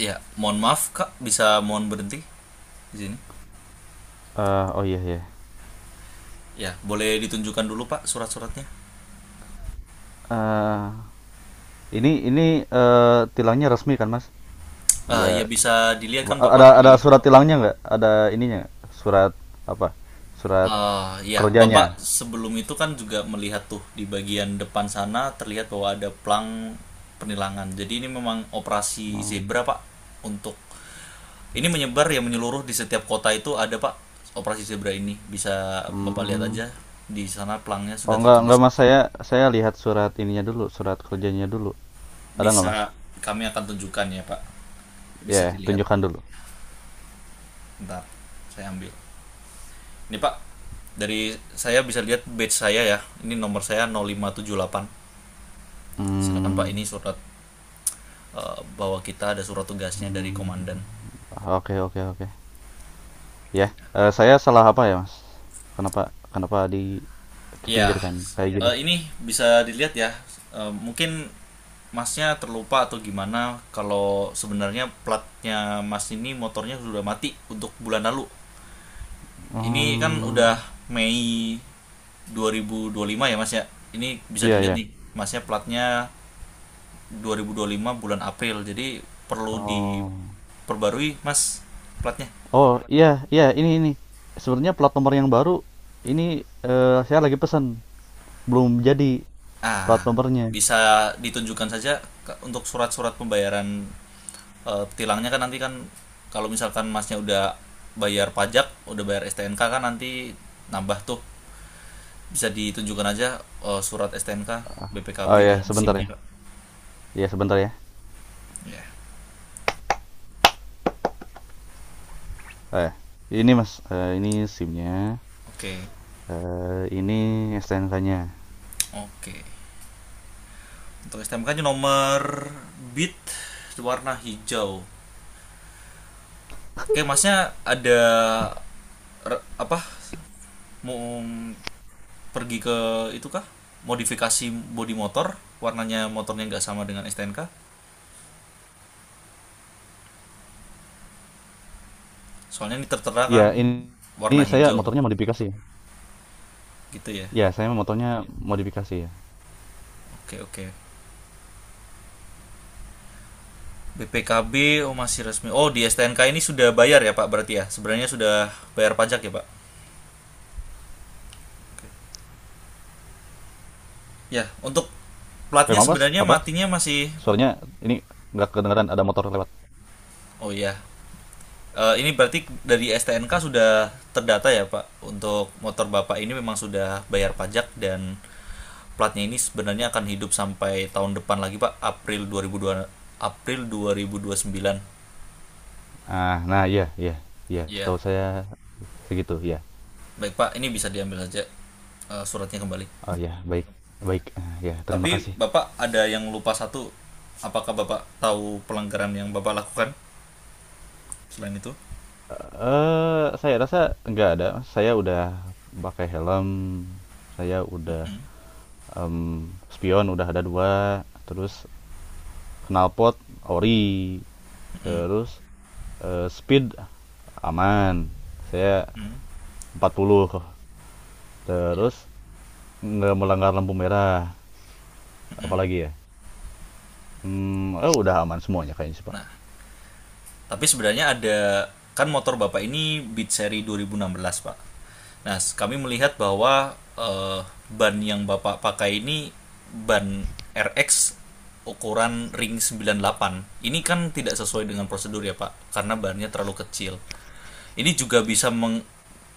Ya, mohon maaf Kak, bisa mohon berhenti di sini. Oh, iya, iya. Ya, boleh ditunjukkan dulu Pak surat-suratnya. Eh, ini tilangnya resmi kan, Mas? Ah, ya Enggak. bisa dilihat kan Bapak Ada di... ada surat tilangnya nggak? Ada ininya? Surat apa? Surat Ah, ya, kerjanya. Bapak sebelum itu kan juga melihat tuh di bagian depan sana, terlihat bahwa ada plang penilangan. Jadi ini memang operasi Oh. zebra Pak, untuk ini menyebar ya menyeluruh di setiap kota itu ada Pak operasi zebra ini. Bisa Bapak lihat Hmm. aja di sana plangnya Oh, sudah enggak tertulis Mas, juga. saya lihat surat ininya dulu, surat kerjanya dulu. Ada nggak, Mas? Bisa kami akan tunjukkan ya Pak. Bisa Ya, dilihat. tunjukkan dulu. Bentar, saya ambil. Ini Pak, dari saya bisa lihat badge saya ya. Ini nomor saya 0578. Silakan Pak, Hmm. ini surat bahwa kita ada surat tugasnya dari Hmm. komandan. Oke, oke, oke. Ya, saya salah apa ya, Mas? Kenapa kenapa di Iya, kepinggirkan kayak gini? Ini bisa dilihat ya. Eh, mungkin Masnya terlupa atau gimana, kalau sebenarnya platnya Mas ini motornya sudah mati untuk bulan lalu. Ini kan udah Hmm. Mei 2025 ya Mas ya. Ini bisa Iya, dilihat iya. nih, Masnya platnya 2025 bulan April. Jadi perlu Oh. diperbarui, Mas, platnya. Oh, iya, iya, ini ini. Sebenarnya plat nomor yang baru ini saya lagi pesan. Belum jadi plat Ah, nomornya. bisa ditunjukkan saja untuk surat-surat pembayaran tilangnya kan nanti kan kalau misalkan Masnya udah bayar pajak, udah bayar STNK kan nanti nambah tuh. Bisa ditunjukkan aja surat STNK, BPKB Oh ya, dan sebentar SIM-nya, ya. Pak. Iya, sebentar ya. Ya. Eh, ini Mas, ini SIM-nya. Oke. Ini STNK-nya. Oke. Untuk STMK-nya nomor bit warna hijau. Oke, Masnya ada apa, mau pergi ke itu kah, modifikasi bodi motor? Warnanya motornya nggak sama dengan STNK, soalnya ini tertera Iya, kan ini warna saya hijau motornya modifikasi. gitu ya. Ya, saya motornya modifikasi ya. Oke, oke. BPKB oh masih resmi. Oh, di STNK ini sudah bayar ya Pak, berarti ya sebenarnya sudah bayar pajak ya Pak. Oke. Ya untuk platnya Maaf, Mas, sebenarnya apa? matinya masih... Suaranya ini nggak kedengeran, ada motor lewat. oh ya. Ini berarti dari STNK sudah terdata ya Pak, untuk motor Bapak ini memang sudah bayar pajak dan platnya ini sebenarnya akan hidup sampai tahun depan lagi Pak, April 2002, April 2029. Ah, nah iya, iya, iya. Iya. Setahu saya segitu, ya. Baik Pak, ini bisa diambil saja suratnya kembali. Oh ya, baik, baik. Ah, ya, terima Tapi kasih. Bapak ada yang lupa satu. Apakah Bapak tahu pelanggaran yang Bapak lakukan selain itu? Saya rasa nggak ada. Saya udah pakai helm, saya udah, mmm, spion udah ada dua, terus knalpot ori, terus, speed aman, saya Hmm. 40, terus nggak melanggar lampu merah, apalagi ya? Oh, udah aman semuanya kayaknya sih, Pak. Nah, tapi sebenarnya ada, kan motor Bapak ini Beat seri 2016, Pak. Nah, kami melihat bahwa ban yang Bapak pakai ini ban RX ukuran ring 98. Ini kan tidak sesuai dengan prosedur ya, Pak, karena bannya terlalu kecil, ini juga bisa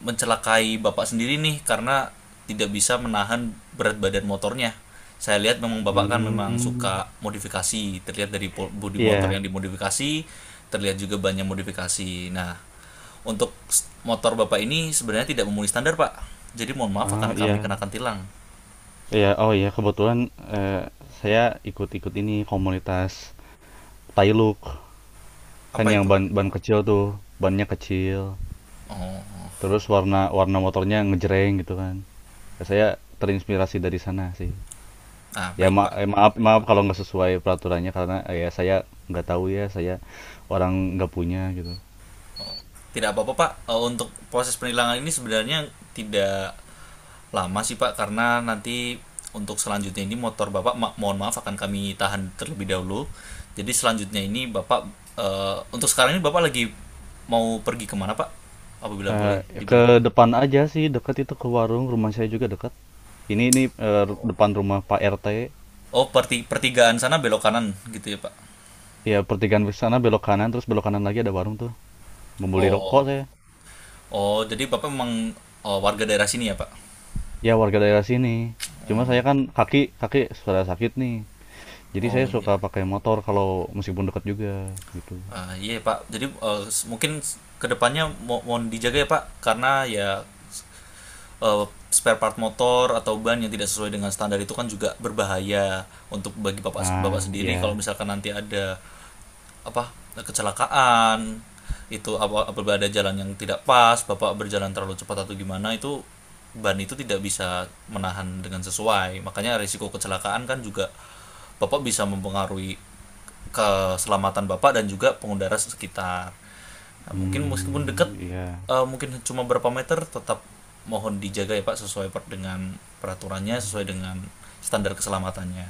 mencelakai bapak sendiri nih, karena tidak bisa menahan berat badan motornya. Saya lihat memang bapak kan memang suka Hmm, modifikasi, terlihat dari bodi motor iya, yang dimodifikasi, terlihat juga banyak modifikasi. Nah, untuk motor bapak ini sebenarnya tidak memenuhi standar pak, jadi mohon maaf oh, akan iya, kami kenakan tilang. iya, oh, iya, kebetulan, eee, saya ikut-ikut ini komunitas Tailuk. Kan Apa yang itu? ban ban kecil tuh, bannya kecil. Oh. Terus warna warna motornya ngejreng gitu kan. Ya, saya terinspirasi dari sana sih. Nah, baik pak. Maaf, maaf kalau nggak sesuai peraturannya, karena ya saya nggak tahu ya, saya orang nggak punya gitu. Tidak apa-apa Pak. Eh, untuk proses penilangan ini sebenarnya tidak lama sih Pak, karena nanti untuk selanjutnya ini motor Bapak mohon maaf akan kami tahan terlebih dahulu. Jadi selanjutnya ini Bapak untuk sekarang ini Bapak lagi mau pergi kemana Pak? Apabila boleh Eh, ke diberitahu. depan aja sih, dekat itu, ke warung, rumah saya juga dekat. Ini depan rumah Pak RT. Oh, pertigaan sana belok kanan gitu ya Pak. Ya, pertigaan ke sana belok kanan, terus belok kanan lagi ada warung tuh. Membeli rokok Oh. saya. Oh, jadi Bapak memang, oh, warga daerah sini ya Pak? Ya, warga daerah sini. Cuma saya kan kaki kaki sudah sakit nih. Jadi saya Oh iya. suka pakai motor kalau meskipun dekat juga gitu. Ah, iya Pak, jadi mungkin kedepannya mohon dijaga ya Pak, karena ya eh, spare part motor atau ban yang tidak sesuai dengan standar itu kan juga berbahaya untuk bagi Bapak Bapak Ah, sendiri, iya. kalau misalkan nanti ada apa, kecelakaan itu, apa, apabila ada jalan yang tidak pas bapak berjalan terlalu cepat atau gimana itu, ban itu tidak bisa menahan dengan sesuai, makanya risiko kecelakaan kan juga bapak bisa mempengaruhi keselamatan bapak dan juga pengendara sekitar. Nah, mungkin meskipun Hmm, dekat, iya. Mungkin cuma berapa meter, tetap mohon dijaga ya pak, sesuai dengan peraturannya, sesuai dengan standar keselamatannya.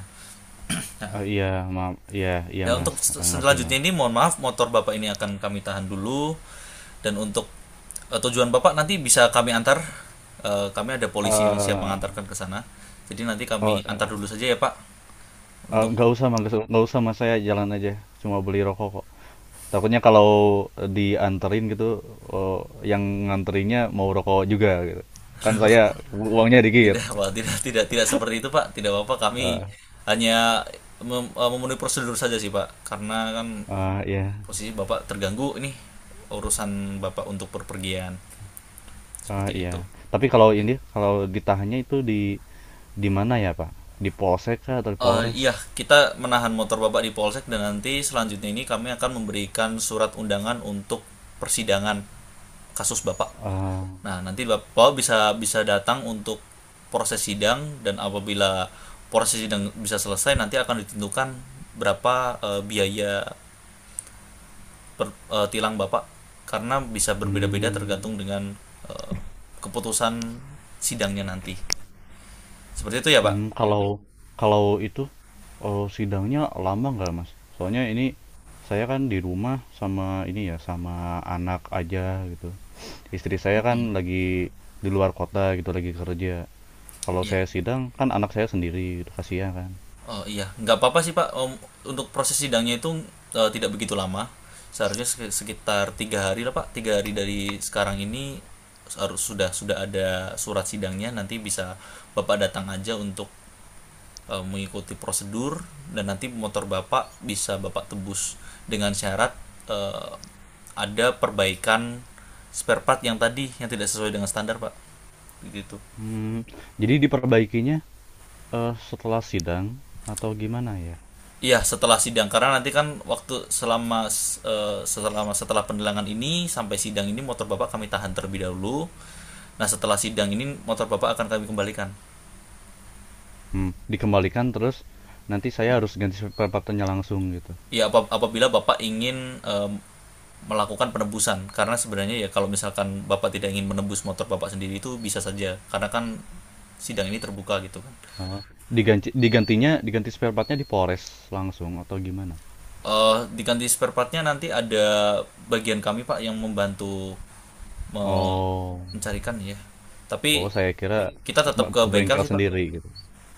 Nah, Ah, iya, ma iya, iya ya Mas. untuk Ah, ngerti selanjutnya Mas. ini mohon maaf motor Bapak ini akan kami tahan dulu, dan untuk tujuan Bapak nanti bisa kami antar. Eh, kami ada polisi yang siap Eh mengantarkan ke sana. Jadi nanti kami oh antar dulu saja ya Pak untuk... nggak usah Mas, nggak usah Mas, saya jalan aja, cuma beli rokok kok. Takutnya kalau dianterin gitu, oh, yang nganterinnya mau rokok juga gitu, kan saya uangnya dikit. Tidak Pak, tidak tidak tidak seperti itu Pak. Tidak apa-apa, kami Ah, hanya memenuhi prosedur saja sih Pak, karena kan iya. posisi Bapak terganggu, ini urusan Bapak untuk perpergian Ah, seperti iya, itu. tapi kalau ini, kalau ditahannya itu di mana ya, Pak? Di Polsek kah atau di Eh, Polres? iya, kita menahan motor bapak di polsek dan nanti selanjutnya ini kami akan memberikan surat undangan untuk persidangan kasus bapak. Eh, Nah, nanti bapak bisa bisa datang untuk proses sidang, dan apabila proses sidang bisa selesai, nanti akan ditentukan berapa biaya tilang bapak, karena bisa berbeda-beda hmm, tergantung dengan eh, keputusan sidangnya nanti. Seperti itu ya, Pak? Kalau kalau itu sidangnya lama nggak, Mas? Soalnya ini saya kan di rumah sama ini ya, sama anak aja gitu. Istri saya kan lagi di luar kota gitu, lagi kerja. Kalau Iya, saya Pak. sidang kan anak saya sendiri gitu, kasihan kan. Oh iya, nggak apa-apa sih Pak. Om, untuk proses sidangnya itu tidak begitu lama. Seharusnya sekitar 3 hari lah Pak. 3 hari dari sekarang ini harus sudah ada surat sidangnya. Nanti bisa Bapak datang aja untuk mengikuti prosedur, dan nanti motor Bapak bisa Bapak tebus dengan syarat eh, ada perbaikan spare part yang tadi yang tidak sesuai dengan standar Pak. Begitu. Hmm, jadi diperbaikinya setelah sidang atau gimana ya? Iya, setelah sidang, karena nanti kan waktu selama selama setelah pendelangan ini sampai sidang ini motor Bapak kami tahan terlebih dahulu. Nah, setelah sidang ini motor Bapak akan kami kembalikan. Hmm, dikembalikan terus nanti saya harus ganti spare partnya langsung gitu. Ya apabila Bapak ingin melakukan penebusan, karena sebenarnya ya kalau misalkan Bapak tidak ingin menebus motor Bapak sendiri itu bisa saja, karena kan sidang ini terbuka gitu kan. Apa? Diganti, diganti spare partnya di Polres langsung atau gimana? Eh, diganti spare partnya nanti ada bagian kami Pak yang membantu me- Oh. mencarikan ya. Oh, Tapi saya kira kita se- tetap ke ke bengkel bengkel sih Pak. sendiri gitu.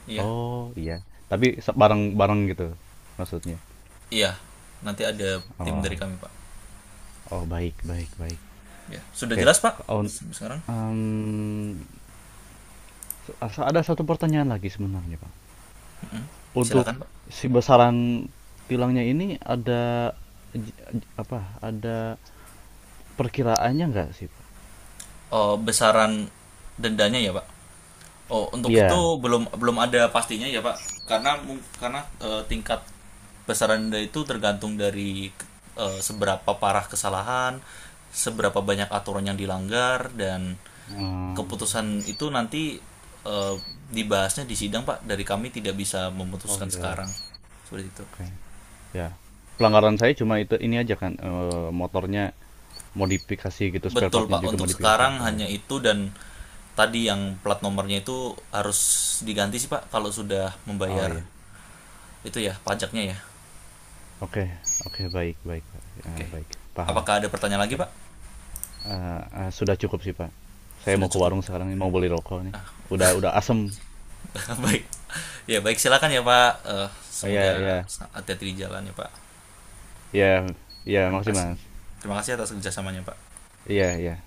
Iya, Oh, iya. Tapi bareng-bareng gitu maksudnya. iya. Nanti ada tim Oh. dari kami Pak. Oh, baik, baik, baik. Ya, sudah Oke. jelas Pak. Ke- un- Sekarang em, ada satu pertanyaan lagi sebenarnya, Pak. Untuk silakan Pak. Besaran tilangnya ini ada apa? Ada perkiraannya enggak sih, Pak? Oh, besaran dendanya ya Pak. Oh, untuk itu Iya. belum belum ada pastinya ya, Pak. Karena karena tingkat besaran denda itu tergantung dari seberapa parah kesalahan, seberapa banyak aturan yang dilanggar, dan Hmm. keputusan itu nanti eh, dibahasnya di sidang, Pak. Dari kami tidak bisa Oh memutuskan ya, sekarang. Seperti itu. oke. Ya. Pelanggaran saya cuma itu ini aja kan, motornya modifikasi gitu, spare Betul, partnya Pak. juga Untuk modifikasi. sekarang Oh hanya ya. itu, dan tadi yang plat nomornya itu harus diganti sih, Pak, kalau sudah Oh, membayar iya. itu ya pajaknya ya. Oke, oke, baik, baik Pak. Ya, Oke. baik, paham. Apakah ada pertanyaan lagi, Pak? Eh, sudah cukup sih Pak. Saya Sudah mau ke cukup. warung sekarang, ini mau beli rokok nih. Udah asem. Baik. Ya, baik silakan ya, Pak. Eh, Ya, semoga ya, hati-hati di jalan ya, Pak. ya, ya, Terima makasih kasih. Mas. Terima kasih atas kerjasamanya, Pak. Iya, iya.